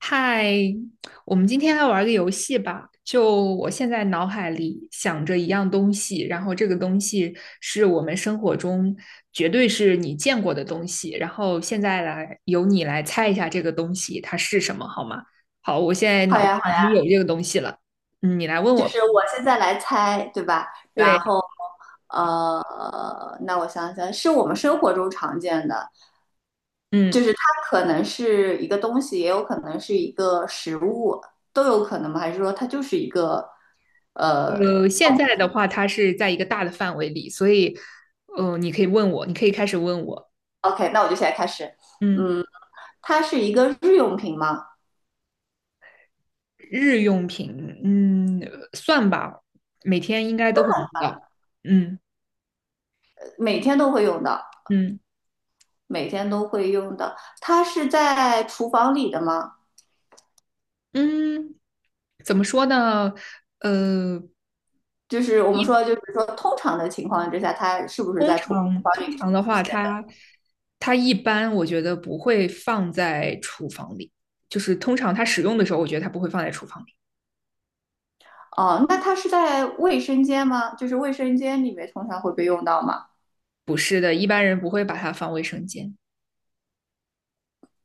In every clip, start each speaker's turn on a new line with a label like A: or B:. A: 嗨，我们今天来玩个游戏吧。就我现在脑海里想着一样东西，然后这个东西是我们生活中绝对是你见过的东西，然后现在来由你来猜一下这个东西它是什么，好吗？好，我现在
B: 好
A: 脑
B: 呀，
A: 子
B: 好
A: 已经
B: 呀，
A: 有这个东西了，你来问
B: 就
A: 我。
B: 是我现在来猜，对吧？然
A: 对，
B: 后，那我想想，是我们生活中常见的，
A: 嗯，
B: 就是它可能是一个东西，也有可能是一个食物，都有可能吗？还是说它就是一个，呃
A: 现在的话它是在一个大的范围里，所以，你可以开始问我，
B: ，OK，那我就现在开始。
A: 嗯。
B: 嗯，它是一个日用品吗？
A: 日用品，算吧，每天应该都会用到。嗯
B: 每天都会用的，
A: 嗯
B: 每天都会用的，它是在厨房里的吗？
A: 嗯，怎么说呢？呃，
B: 就是我们说，就是说通常的情况之下，它是不是
A: 通
B: 在厨
A: 常
B: 房里
A: 通常的
B: 出
A: 话，
B: 现的？
A: 它一般我觉得不会放在厨房里，就是通常它使用的时候，我觉得它不会放在厨房里。
B: 哦，那它是在卫生间吗？就是卫生间里面通常会被用到吗？
A: 不是的，一般人不会把它放卫生间。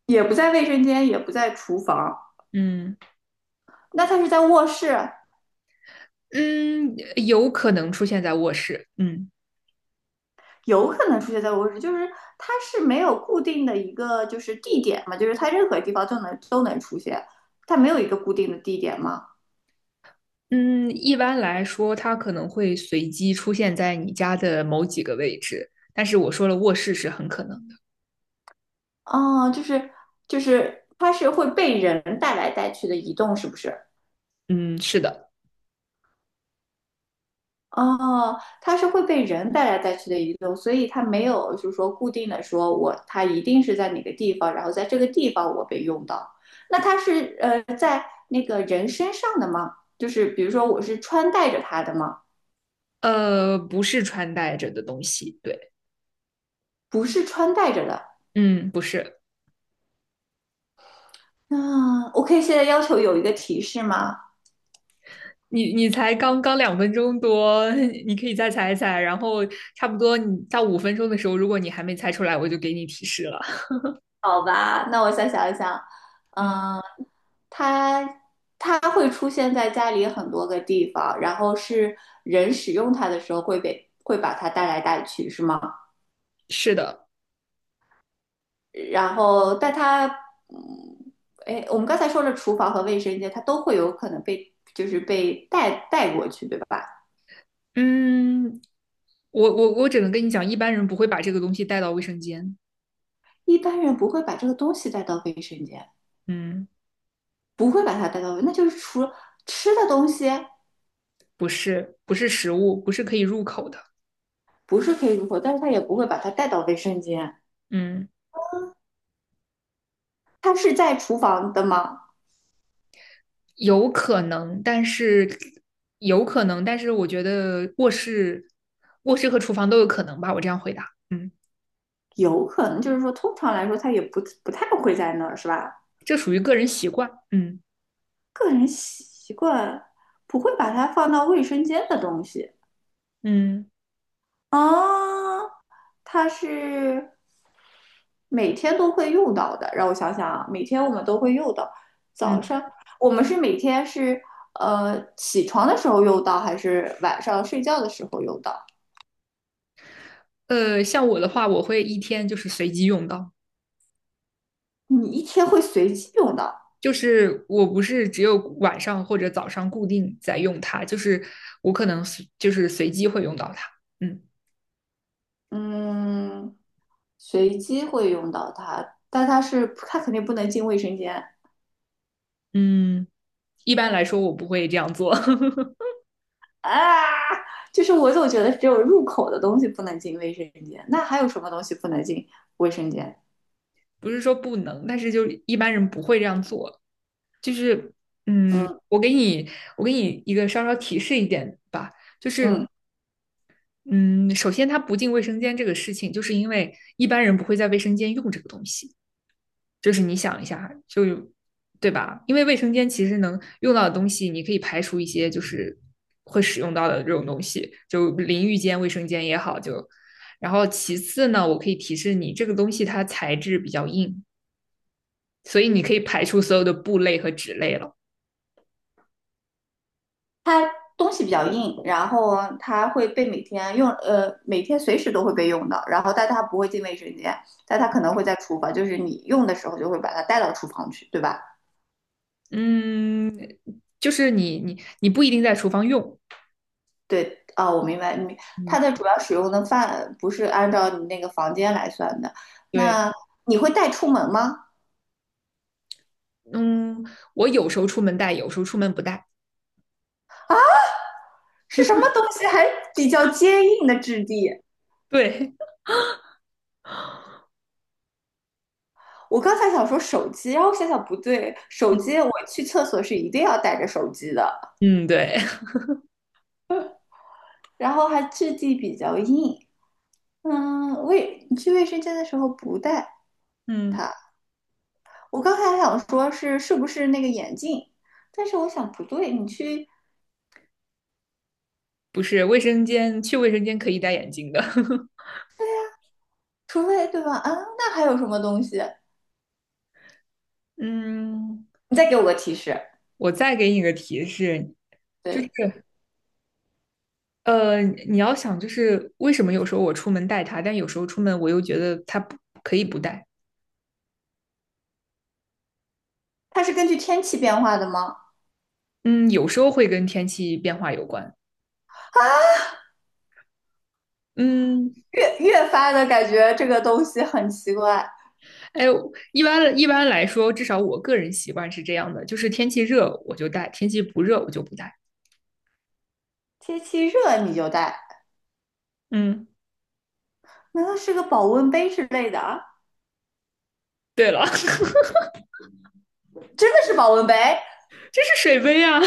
B: 也不在卫生间，也不在厨房，
A: 嗯
B: 那它是在卧室，
A: 嗯，有可能出现在卧室。嗯。
B: 有可能出现在卧室，就是它是没有固定的一个就是地点嘛，就是它任何地方都能出现，它没有一个固定的地点吗？
A: 嗯，一般来说，它可能会随机出现在你家的某几个位置，但是我说了，卧室是很可能的。
B: 哦，就是就是它是会被人带来带去的移动，是不是？
A: 嗯，是的，
B: 哦，它是会被人带来带去的移动，所以它没有就是说固定的说我它一定是在哪个地方，然后在这个地方我被用到。那它是在那个人身上的吗？就是比如说我是穿戴着它的吗？
A: 不是穿戴着的东西，对，
B: 不是穿戴着的。
A: 嗯，不是。
B: 那 OK，现在要求有一个提示吗？
A: 你才刚刚2分钟多，你可以再猜一猜，然后差不多你到5分钟的时候，如果你还没猜出来，我就给你提示了。
B: 好吧，那我再想一想。
A: 嗯，
B: 嗯，它它会出现在家里很多个地方，然后是人使用它的时候会把它带来带去，是吗？
A: 是的，
B: 然后，但它，嗯，哎，我们刚才说了厨房和卫生间，它都会有可能被就是被带过去，对吧？
A: 嗯，我只能跟你讲，一般人不会把这个东西带到卫生间。
B: 一般人不会把这个东西带到卫生间，
A: 嗯，
B: 不会把它带到，那就是除了吃的东西
A: 不是，不是食物，不是可以入口的。
B: 不是可以入口，但是他也不会把它带到卫生间。
A: 嗯，
B: 它是在厨房的吗？
A: 有可能，但是我觉得卧室和厨房都有可能吧。我这样回答，
B: 有可能，就是说，通常来说，它也不太会在那儿，是吧？
A: 这属于个人习惯，嗯
B: 个人习惯不会把它放到卫生间的东西
A: 嗯
B: 啊，它是每天都会用到的。让我想想啊，每天我们都会用到。早
A: 嗯。
B: 上我们每天是起床的时候用到，还是晚上睡觉的时候用到？
A: 像我的话，我会一天就是随机用到，
B: 你一天会随机用到。
A: 就是我不是只有晚上或者早上固定在用它，就是我可能随就是随机会用到它。嗯
B: 嗯，随机会用到它，但它肯定不能进卫生间
A: 嗯，一般来说我不会这样做，
B: 啊。就是我总觉得只有入口的东西不能进卫生间，那还有什么东西不能进卫生间？
A: 不是说不能，但是就一般人不会这样做。就是，嗯，
B: 嗯
A: 我给你，我给你一个稍稍提示一点吧，就是，
B: 嗯，
A: 嗯，首先它不进卫生间这个事情，就是因为一般人不会在卫生间用这个东西，就是你想一下，就，对吧？因为卫生间其实能用到的东西，你可以排除一些就是会使用到的这种东西，就淋浴间、卫生间也好，就，然后其次呢，我可以提示你，这个东西它材质比较硬，所以你可以排除所有的布类和纸类了。
B: 它东西比较硬，然后它会被每天用，每天随时都会被用到，然后但它不会进卫生间，但它可能会在厨房，就是你用的时候就会把它带到厨房去，对吧？
A: 嗯，就是你不一定在厨房用，
B: 对，啊，我明白，你
A: 嗯，
B: 它的主要使用的范不是按照你那个房间来算的。
A: 对，
B: 那你会带出门吗？
A: 嗯，我有时候出门带，有时候出门不带，
B: 是什么东西还比较坚硬的质地？
A: 对，
B: 我刚才想说手机，然后想想不对，手机我去厕所是一定要带着手机的，
A: 嗯，对，
B: 然后还质地比较硬。嗯，卫生间的时候不带
A: 嗯，
B: 它。我刚才还想说是不是那个眼镜，但是我想不对，你去，
A: 不是，卫生间去卫生间可以戴眼镜的，
B: 除非对吧？啊，那还有什么东西？
A: 嗯，
B: 你再给我个提示。
A: 我再给你个提示，就是
B: 对，
A: 你要想就是为什么有时候我出门带它，但有时候出门我又觉得它不可以不带，
B: 它是根据天气变化的吗？
A: 嗯，有时候会跟天气变化有关，嗯，
B: 越发的感觉这个东西很奇怪，
A: 哎，一般来说，至少我个人习惯是这样的，就是天气热我就带，天气不热我就不带。
B: 天气热你就带，
A: 嗯，
B: 难道是个保温杯之类的啊？
A: 对了，
B: 真的是保温杯？拜
A: 这是水杯啊！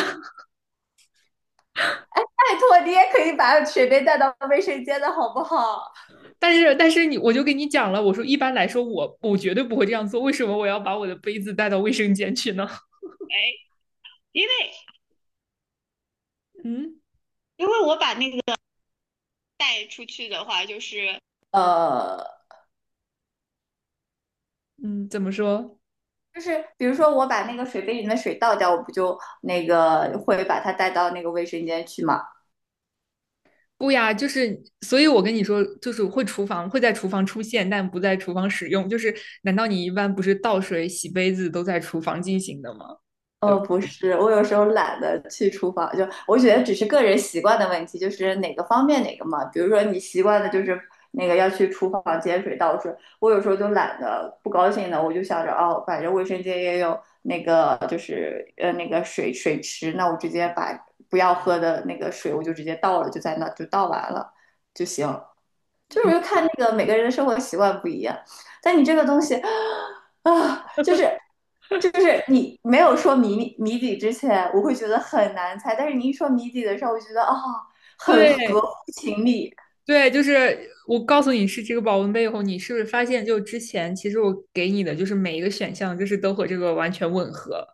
B: 托，你也可以把水杯带到卫生间的好不好？
A: 但是你，我就跟你讲了，我说一般来说我绝对不会这样做，为什么我要把我的杯子带到卫生间去呢？
B: 因为
A: 嗯
B: 因为我把那个带出去的话，就是呃，
A: 嗯，怎么说？
B: 就是比如说我把那个水杯里面的水倒掉，我不就那个会把它带到那个卫生间去吗？
A: 不呀，就是，所以我跟你说，就是会厨房会在厨房出现，但不在厨房使用。就是，难道你一般不是倒水、洗杯子都在厨房进行的吗？
B: 哦，不是，我有时候懒得去厨房，就我觉得只是个人习惯的问题，就是哪个方便哪个嘛。比如说你习惯的就是那个要去厨房接水倒水，我有时候就懒得不高兴的，我就想着哦，反正卫生间也有，那个水池，那我直接把不要喝的那个水我就直接倒了，就在那就倒完了就行。就
A: 嗯
B: 是就看那个每个人的生活习惯不一样，但你这个东西啊，就是就是你没有说谜底之前，我会觉得很难猜，但是你一说谜底的时候，我觉得啊、哦很合
A: 对，
B: 乎情理。
A: 对，就是我告诉你是这个保温杯以后，你是不是发现就之前其实我给你的就是每一个选项就是都和这个完全吻合？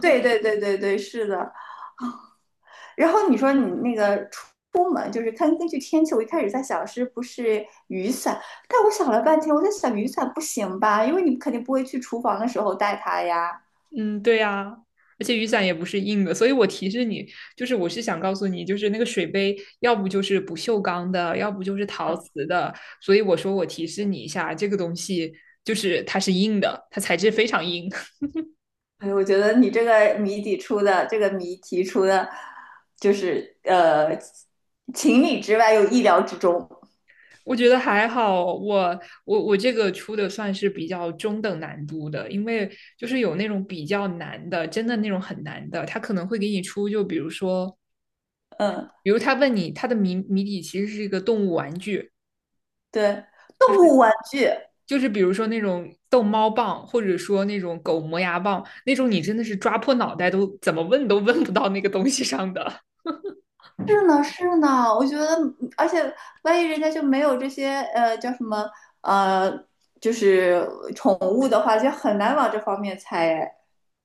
B: 对对对对对，是的。然后你说你那个出门，就是看根据天气，我一开始在想是不是雨伞，但我想了半天，我在想雨伞不行吧，因为你肯定不会去厨房的时候带它呀。
A: 嗯，对呀、而且雨伞也不是硬的，所以我提示你，就是我是想告诉你，就是那个水杯要不就是不锈钢的，要不就是陶瓷的，所以我说我提示你一下，这个东西就是它是硬的，它材质非常硬。
B: 对，我觉得你这个谜底出的，这个谜题出的，就是情理之外又意料之中。
A: 我觉得还好，我这个出的算是比较中等难度的，因为就是有那种比较难的，真的那种很难的，他可能会给你出，就比如说，
B: 嗯，
A: 比如他问你，他的谜底其实是一个动物玩具，
B: 对，动物玩具
A: 就是比如说那种逗猫棒，或者说那种狗磨牙棒，那种你真的是抓破脑袋都怎么问都问不到那个东西上的。
B: 是呢是呢，我觉得，而且万一人家就没有这些叫什么呃，就是宠物的话，就很难往这方面猜。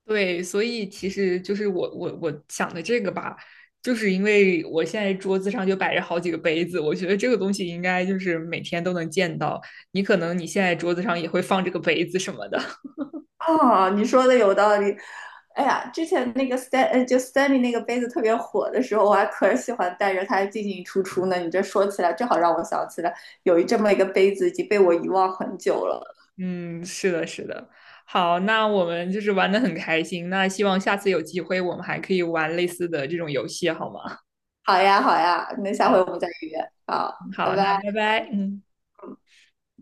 A: 对，所以其实就是我想的这个吧，就是因为我现在桌子上就摆着好几个杯子，我觉得这个东西应该就是每天都能见到。你可能你现在桌子上也会放这个杯子什么的。
B: 哦，你说的有道理。哎呀，之前那个 Stan，就 Stanley 那个杯子特别火的时候，我还可喜欢带着它进进出出呢。你这说起来，正好让我想起来有这么一个杯子已经被我遗忘很久了。
A: 嗯，是的，是的。好，那我们就是玩的很开心，那希望下次有机会我们还可以玩类似的这种游戏，好吗？
B: 好呀，好呀，那下回
A: 好，
B: 我们再约。好，拜
A: 好，那
B: 拜。
A: 拜拜，嗯。